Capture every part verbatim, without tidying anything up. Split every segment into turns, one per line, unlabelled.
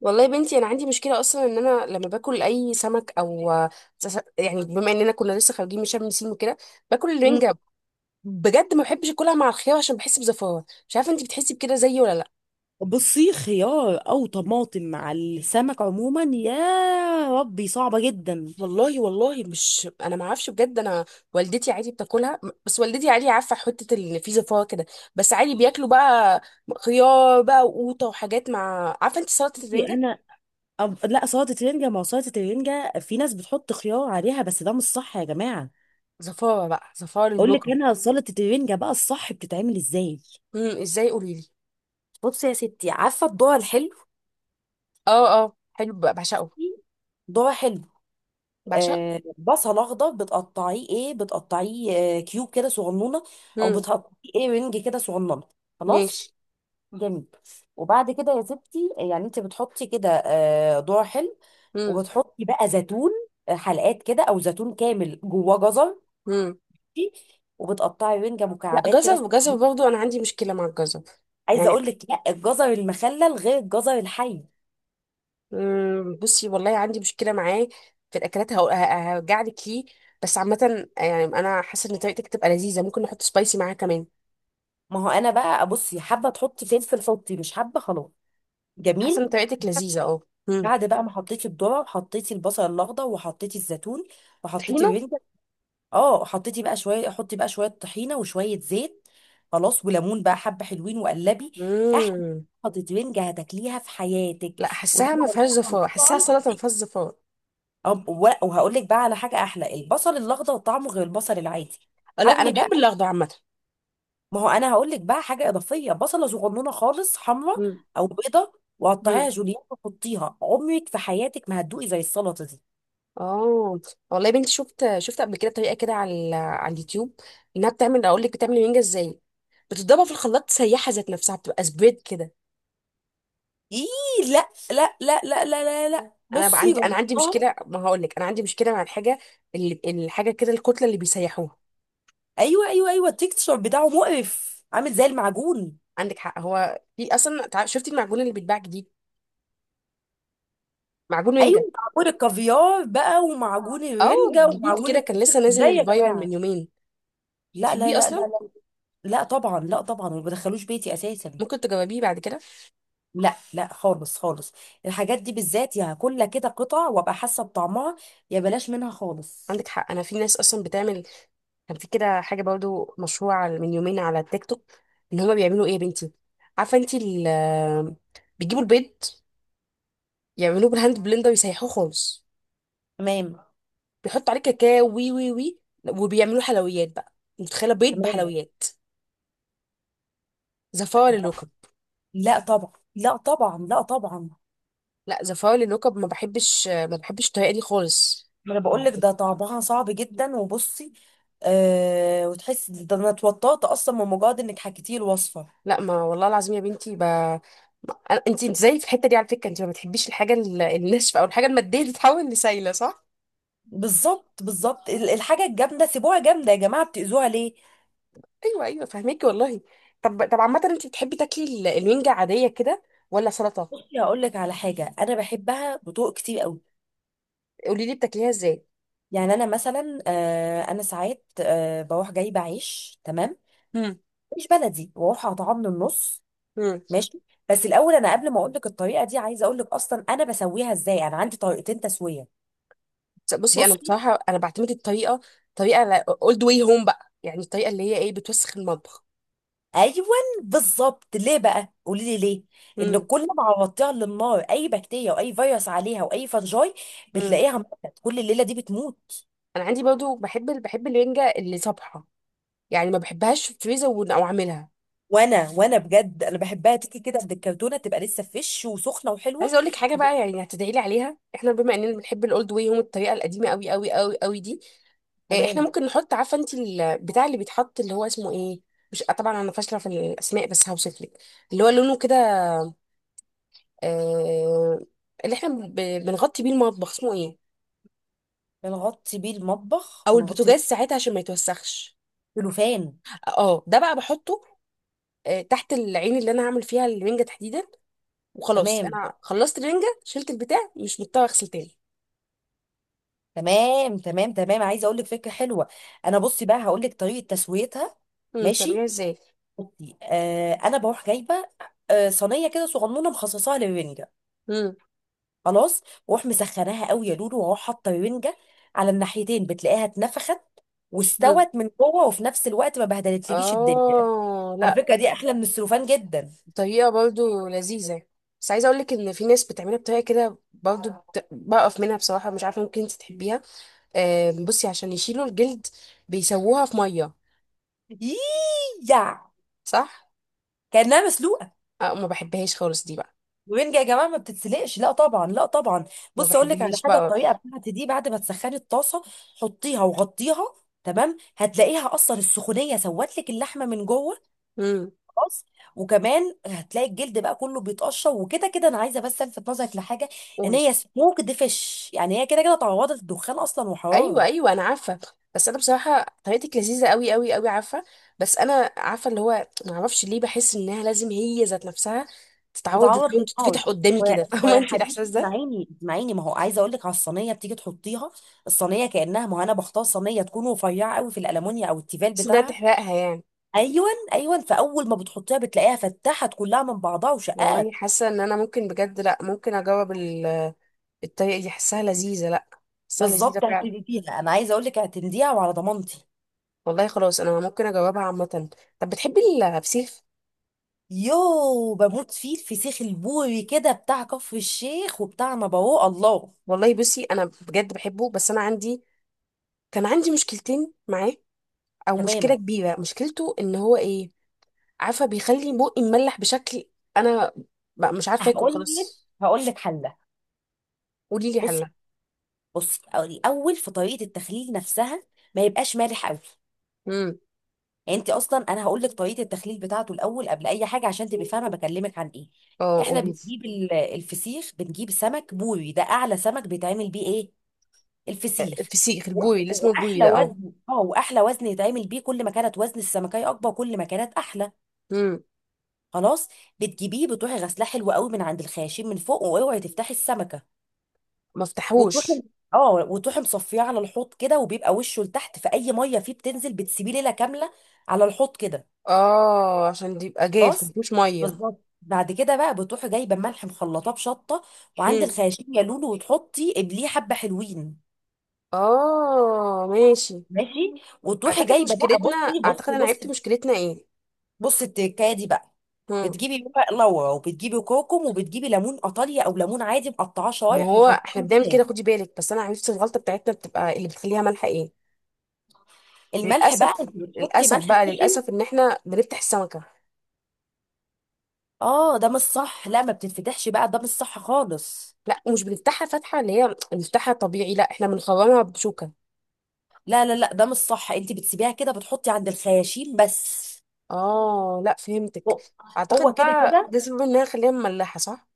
والله يا بنتي، انا عندي مشكله اصلا ان انا لما باكل اي سمك او سس- يعني بما اننا كنا لسه خارجين من شم النسيم وكده باكل
مم.
الرنجه. بجد ما بحبش اكلها مع الخيار عشان بحس بزفاره. مش عارفه انت بتحسي بكده زيي ولا لا.
بصي، خيار او طماطم مع السمك عموما، يا ربي صعبه جدا.
والله والله، مش انا ما اعرفش بجد، انا والدتي عادي بتاكلها. بس والدتي عادي عارفه حته ان في زفاره كده، بس عادي بياكلوا بقى خيار بقى وقوطه وحاجات. مع عارفه انت سلطه
بصي
الرنجه.
انا، أب... لا، سلطه رنجه. ما هو سلطه الرنجه في ناس بتحط خيار عليها، بس ده مش صح يا جماعه.
زفاره بقى، زفاره
اقول لك
للوكم.
انا سلطه الرنجه بقى الصح بتتعمل ازاي.
امم ازاي؟ قولي لي.
بصي يا ستي، عارفه الذره الحلو؟
اه اه، حلو بقى بعشقه.
ذره حلو،
بعشقه.
آه، بصل اخضر بتقطعيه ايه، بتقطعيه آه كيوب كده صغنونه، او بتقطعيه ايه رنج كده صغنونه. خلاص،
ماشي.
جميل. وبعد كده يا ستي، يعني انت بتحطي كده آه، ذرة حلو،
مم.
وبتحطي بقى زيتون، آه، حلقات كده او زيتون كامل، جواه جزر.
مم.
وبتقطعي رنجة
لا
مكعبات كده
جزر، جزر
صغيرة.
برضو انا عندي مشكله مع الجزر.
عايزه
يعني
اقول لك، لا، الجزر المخلل غير الجزر الحي.
مم. بصي والله عندي مشكله معاه. في الاكلات هقول- ه- هرجع لك ليه. بس عامه، يعني انا حاسه ان طريقتك تبقى لذيذه، ممكن نحط سبايسي معاها كمان.
ما هو انا بقى، بصي، حابه تحطي فلفل حطي، مش حابه خلاص.
حاسه
جميل.
ان طريقتك لذيذه اه. مم.
بعد بقى ما حطيتي الذره، وحطيتي البصل الاخضر، وحطيتي الزيتون، وحطيتي
طحينه.
الرنجة، اه، حطيتي بقى شويه، حطي بقى شويه طحينه وشويه زيت. خلاص، وليمون بقى حبه حلوين، وقلبي. احلى.
مم.
خطوتين هتاكليها في حياتك.
لا، حاساها ما
وطبعا،
فيهاش
طبعا
زفاره، حاساها
طبعا
سلطه ما فيهاش زفاره.
أم- و- وهقول لك بقى على حاجه احلى، البصل الاخضر طعمه غير البصل العادي.
آه، لا انا
حاولي
بحب
بقى،
الاخضر عامه.
ما هو انا هقول لك بقى حاجه اضافيه، بصله صغنونه خالص حمراء
مم.
او بيضه، وقطعيها
مم.
جوليان وحطيها، عمرك في حياتك ما هتدوقي زي السلطه دي.
اه. والله يا بنتي، شفت شفت قبل كده طريقه كده على ال- على اليوتيوب انها بتعمل، اقول لك بتعمل المانجا ازاي، بتضربها في الخلاط سيحه ذات نفسها، بتبقى سبريد كده.
ايه، لا لا لا لا لا لا, لا.
انا بقى
بصي
عندي انا عندي
جربتها.
مشكله، ما هقول لك انا عندي مشكله مع الحاجه، اللي الحاجه كده، الكتله اللي بيسيحوها.
ايوه ايوه ايوه التكتشر بتاعه مقرف، عامل زي المعجون.
عندك حق، هو في اصلا تع- شفتي المعجون اللي بيتباع جديد؟ معجون
ايوه،
مانجا.
معجون الكافيار بقى، ومعجون
اه
الرنجه،
جديد
ومعجون
كده، كان
الفسيخ،
لسه
ازاي يا
نازل فايرال
جماعه؟
من يومين.
لا لا
تحبيه
لا لا
اصلا؟
لا لا طبعا، لا طبعا، ما بدخلوش بيتي اساسا.
ممكن تجربيه بعد كده.
لا لا، خالص خالص. الحاجات دي بالذات، يا هاكلها كده قطع وابقى حاسه بطعمها، يا بلاش منها خالص.
عندك حق، انا في ناس اصلا بتعمل. كان في كده حاجه برضو مشهوره على- من يومين على التيك توك. ان هما بيعملوا ايه يا بنتي؟ عارفه انتي ال- بيجيبوا البيض، يعملوه بالهاند بلندر يسيحوه خالص،
تمام،
بيحطوا عليه كاكاو، وي وي وي، وبيعملوه حلويات بقى. متخيله بيض
تمام.
بحلويات؟ زفاره للوكب.
لا طبعا، لا طبعا، لا طبعا.
لا زفاره للوكب، ما بحبش ما بحبش الطريقه دي خالص.
ما انا بقول لك
يعني
ده طعمها صعب جدا. وبصي آه، وتحسي ده، انا اتوترت اصلا من مجرد انك حكيتي الوصفه.
لا، ما والله العظيم يا بنتي ب... ما- أنا- انتي انت زي في الحته دي على فكره، انت ما بتحبيش الحاجه ال- الناشفه او الحاجه الماديه تتحول لسايله، صح؟
بالظبط، بالظبط، ال- الحاجه الجامده سيبوها جامده يا جماعه، بتاذوها ليه؟
ايوه ايوه، فهميكي والله. طب طب، عامه انت بتحبي تاكلي ال- الرنجه عاديه كده ولا سلطه؟
بصي هقول لك على حاجه انا بحبها بطرق كتير قوي.
قولي لي بتاكليها ازاي.
يعني انا مثلا آه، انا ساعات آه، بروح جايبه عيش. تمام،
مم.
مش بلدي، واروح اقطعه من النص.
امم
ماشي. بس الاول، انا قبل ما اقول لك الطريقه دي، عايزه اقول لك اصلا انا بسويها ازاي. انا عندي طريقتين تسويه.
بصي، انا
بصي.
بصراحه انا بعتمد الطريقه، طريقه اولد واي هوم بقى. يعني الطريقه اللي هي ايه، بتوسخ المطبخ.
ايوه، بالظبط. ليه بقى؟ قولي لي ليه. ان
امم
كل ما عوضتيها على النار، اي بكتيريا واي فيروس عليها واي فنجاي،
امم
بتلاقيها ماتت، كل الليله دي بتموت.
انا عندي برضو بحب ال- بحب الرنجه اللي صبحه. يعني ما بحبهاش في الفريزر ون- او اعملها.
وانا وانا بجد انا بحبها تيجي كده من الكرتونه، تبقى لسه فريش وسخنه وحلوه.
عايزه اقول لك حاجه بقى، يعني هتدعي لي عليها. احنا بما اننا بنحب الاولد واي هوم، الطريقه القديمه قوي قوي قوي قوي دي، إيه، احنا
تمام.
ممكن نحط عارفه انت البتاع اللي بيتحط اللي هو اسمه ايه. مش طبعا، انا فاشله في الاسماء، بس هوصف لك اللي هو لونه كده. آه، اللي احنا ب- بنغطي بيه المطبخ اسمه ايه؟
بنغطي بيه المطبخ،
او
بنغطي
البوتاجاز
بيه.
ساعتها عشان ما يتوسخش.
السلوفان.
اه ده بقى بحطه، آه تحت العين اللي انا هعمل فيها الرنجه تحديدا، وخلاص
تمام،
انا خلصت الرنجه شلت البتاع، مش مضطره اغسل تاني.
تمام تمام تمام عايزه اقول لك فكره حلوه. انا بصي بقى هقول لك طريقه تسويتها.
امم بتعمليها
ماشي.
ازاي؟
بصي آه، انا بروح جايبه آه صينيه كده صغنونه، مخصصاها للرنجه.
امم
خلاص. واروح مسخناها قوي يا لولو، واروح حاطه رنجه على الناحيتين، بتلاقيها اتنفخت
امم
واستوت من جوه، وفي نفس الوقت ما بهدلتلكيش الدنيا.
اه
على
لا،
فكره دي احلى من السلوفان جدا.
طريقة برضو لذيذة. بس عايزة اقولك ان في ناس بتعملها بطريقة كده برضو بت... بقف منها بصراحة، مش عارفة ممكن انت تحبيها. آه بصي، عشان يشيلوا الجلد بيسووها في مية.
ييييع،
صح؟
كانها مسلوقه.
آه، ما بحبهاش خالص دي بقى.
الرنجه يا جماعه ما بتتسلقش، لا طبعا، لا طبعا.
ما
بص، اقول لك على
بحبهاش
حاجه.
بقى.
الطريقه بتاعتي دي، بعد ما تسخني الطاسه، حطيها وغطيها. تمام، هتلاقيها اصلا السخونيه سوت لك اللحمه من جوه.
امم
خلاص. وكمان هتلاقي الجلد بقى كله بيتقشر، وكده كده انا عايزه بس الفت نظرك لحاجه. ان
قولي.
هي سموكد فيش، يعني هي كده كده تعرضت للدخان اصلا
ايوه
وحراره.
ايوه، انا عارفة. بس انا بصراحة طريقتك لذيذة قوي قوي قوي، عارفة. بس انا عارفة اللي هو، ما اعرفش ليه بحس انها لازم هي ذات نفسها تتعود إن
تتعرض
هي
للنار.
تتفتح قدامي
ويا
كده فاهمة
ويا
انت
حبيبي،
الاحساس ده؟
اسمعيني اسمعيني ما هو عايزه اقول لك على الصينيه، بتيجي تحطيها الصينيه كانها، ما هو انا بختار صينيه تكون رفيعه قوي، في الالمونيا او التيفال
بس انها
بتاعها.
تحرقها يعني.
ايون ايون فاول ما بتحطيها بتلاقيها فتحت كلها من بعضها
والله
وشقات.
حاسه ان انا ممكن بجد، لا ممكن اجاوب ال- الطريقه دي، حاساها لذيذه. لا، حاساها لذيذه
بالظبط،
فعلا.
اعتمديها، انا عايزه اقول لك اعتمديها، وعلى ضمانتي.
والله خلاص، انا ممكن اجاوبها عامه. طب بتحبي الفسيخ؟
يو، بموت فيه الفسيخ البوري كده، بتاع كفر الشيخ وبتاع نبوه الله.
والله بصي انا بجد بحبه، بس انا عندي، كان عندي مشكلتين معاه، او مشكله
تمام.
كبيره. مشكلته ان هو ايه، عارفه بيخلي بقي مملح بشكل، انا بقى مش عارفه اكل
هقول لك
خلاص.
هقول لك حله.
قولي لي
بصي،
حلها.
بصي الاول، في طريقه التخليل نفسها ما يبقاش مالح قوي.
امم
يعني انت اصلا، انا هقول لك طريقه التخليل بتاعته الاول قبل اي حاجه، عشان تبقي فاهمه بكلمك عن ايه.
اه
احنا
قولي لي.
بنجيب ال- الفسيخ، بنجيب سمك بوري، ده اعلى سمك بيتعمل بيه ايه؟ الفسيخ.
الفسيخ
و-
البوري اللي اسمه البوري
واحلى
ده اه.
وزن، اه، واحلى وزن يتعمل بيه، كل ما كانت وزن السمكه اكبر كل ما كانت احلى.
امم
خلاص. بتجيبيه، بتروحي غسلاه حلو قوي من عند الخياشيم من فوق، واوعي تفتحي السمكه.
ما افتحوش.
وتروحي، اه، وتروحي مصفيه على الحوض كده، وبيبقى وشه لتحت، فاي ميه فيه بتنزل، بتسيبيه ليله كامله على الحوض كده.
اه عشان دي يبقى جاف
خلاص.
مفيهوش ميه.
بالظبط. بعد كده بقى، بتروحي جايبه ملح مخلطاه بشطه، وعند
هم.
الخياشيم يا لولو، وتحطي قبليه حبه حلوين.
اه ماشي.
ماشي. وتروحي
اعتقد
جايبه بقى،
مشكلتنا،
بصي
اعتقد
بصي
انا عرفت
بصي
مشكلتنا ايه.
بصي التكايه دي بقى،
هم.
بتجيبي ورق لورا، وبتجيبي كركم، وبتجيبي ليمون ايطاليا او ليمون عادي مقطعاه
ما
شرايح
هو
وحطاه
احنا بنعمل
معاه.
كده، خدي بالك، بس انا عرفت الغلطه بتاعتنا بتبقى اللي بتخليها مالحه ايه.
الملح بقى،
للاسف،
انت بتحطي
للاسف
ملح
بقى،
سخن.
للاسف ان احنا بنفتح السمكه.
اه ده مش صح، لا ما بتتفتحش بقى، ده مش صح خالص.
لا مش بنفتحها فتحه، اللي هي بنفتحها طبيعي، لا احنا بنخرمها بشوكه.
لا لا لا، ده مش صح، انت بتسيبيها كده، بتحطي عند الخياشيم بس.
اه لا، فهمتك.
هو
اعتقد
هو كده
بقى
كده
ده سبب انها خليها مملحه، صح.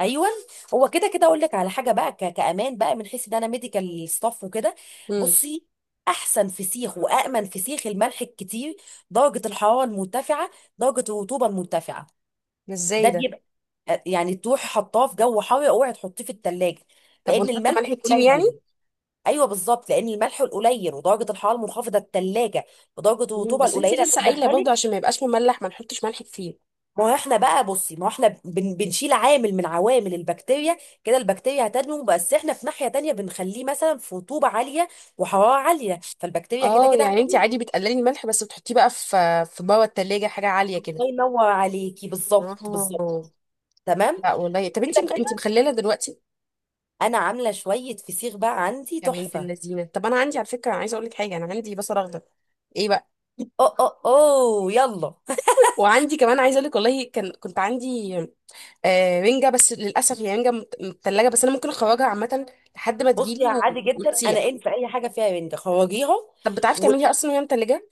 ايوه، هو كده كده. اقول لك على حاجه بقى ك- كامان بقى، من حيث ان انا ميديكال ستاف وكده.
امم
بصي، احسن فسيخ وامن فسيخ، الملح الكتير، درجه الحراره المرتفعه، درجه الرطوبه المرتفعه.
ازاي
ده
ده؟
بيبقى، يعني تروحي حطاه في جو حار، اوعي تحطيه في التلاجة
طب
لان
ونحط
الملح
ملح كتير يعني؟
قليل. ايوه بالظبط، لان الملح القليل ودرجه الحراره المنخفضه الثلاجه، ودرجه
مم،
الرطوبه
بس انت
القليله اللي
لسه قايله برضه
اتدخلت.
عشان ما يبقاش مملح ما نحطش ملح كتير.
ما هو احنا بقى، بصي، ما هو احنا بن بنشيل عامل من عوامل البكتيريا، كده البكتيريا هتنمو، بس احنا في ناحيه تانية بنخليه مثلا في رطوبه عاليه وحراره عاليه، فالبكتيريا كده
اه
كده
يعني انت
هتنمو.
عادي بتقللي الملح بس بتحطيه بقى في في بره التلاجة، حاجه عاليه كده.
الله ينور عليكي، بالظبط،
اه
بالظبط. تمام.
لا والله، طب انت
كده
انت
كده
مخلله دلوقتي؟
انا عامله شويه فسيخ بقى عندي
يا بنت
تحفه.
اللذينه، طب انا عندي على فكره، انا عايزه اقول لك حاجه، انا عندي بصل اخضر. ايه بقى؟
اه، اه، اوه، يلا
وعندي كمان، عايزه اقول لك والله، كان كنت عندي آه رنجه، بس للاسف هي رنجه مت- متلجه، بس انا ممكن اخرجها عامه لحد ما
بصي
تجيلي
عادي
و-
جدا، انا
وتسيح.
ان في اي حاجه فيها رنجة خرجيها.
طب بتعرفي
و
تعمليها اصلا وهي متلجه؟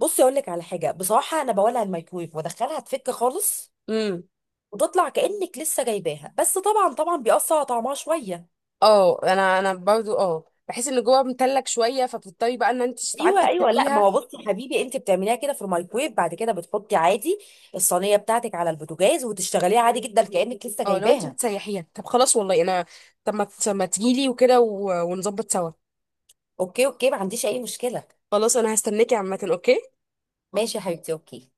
بصي اقول لك على حاجه، بصراحه انا بولع الميكرويف وادخلها تفك خالص، وتطلع كانك لسه جايباها، بس طبعا طبعا بيأثر على طعمها شويه.
اه انا انا برضو اه بحس ان جوه متلج شويه، فبتضطري بقى ان انت ساعات
ايوه ايوه لا ما
تفتحيها.
هو بصي يا حبيبي، انت بتعمليها كده في الميكرويف، بعد كده بتحطي عادي الصينيه بتاعتك على البوتاجاز، وتشتغليها عادي جدا كانك لسه
اه لو انت
جايباها.
بتسيحيها طب خلاص، والله انا، طب ما ت- ما تجيلي وكده و- ونظبط سوا.
اوكي اوكي ما عنديش اي مشكله.
خلاص انا هستناكي عامه، اوكي.
ماشي يا حبيبتي، اوكي.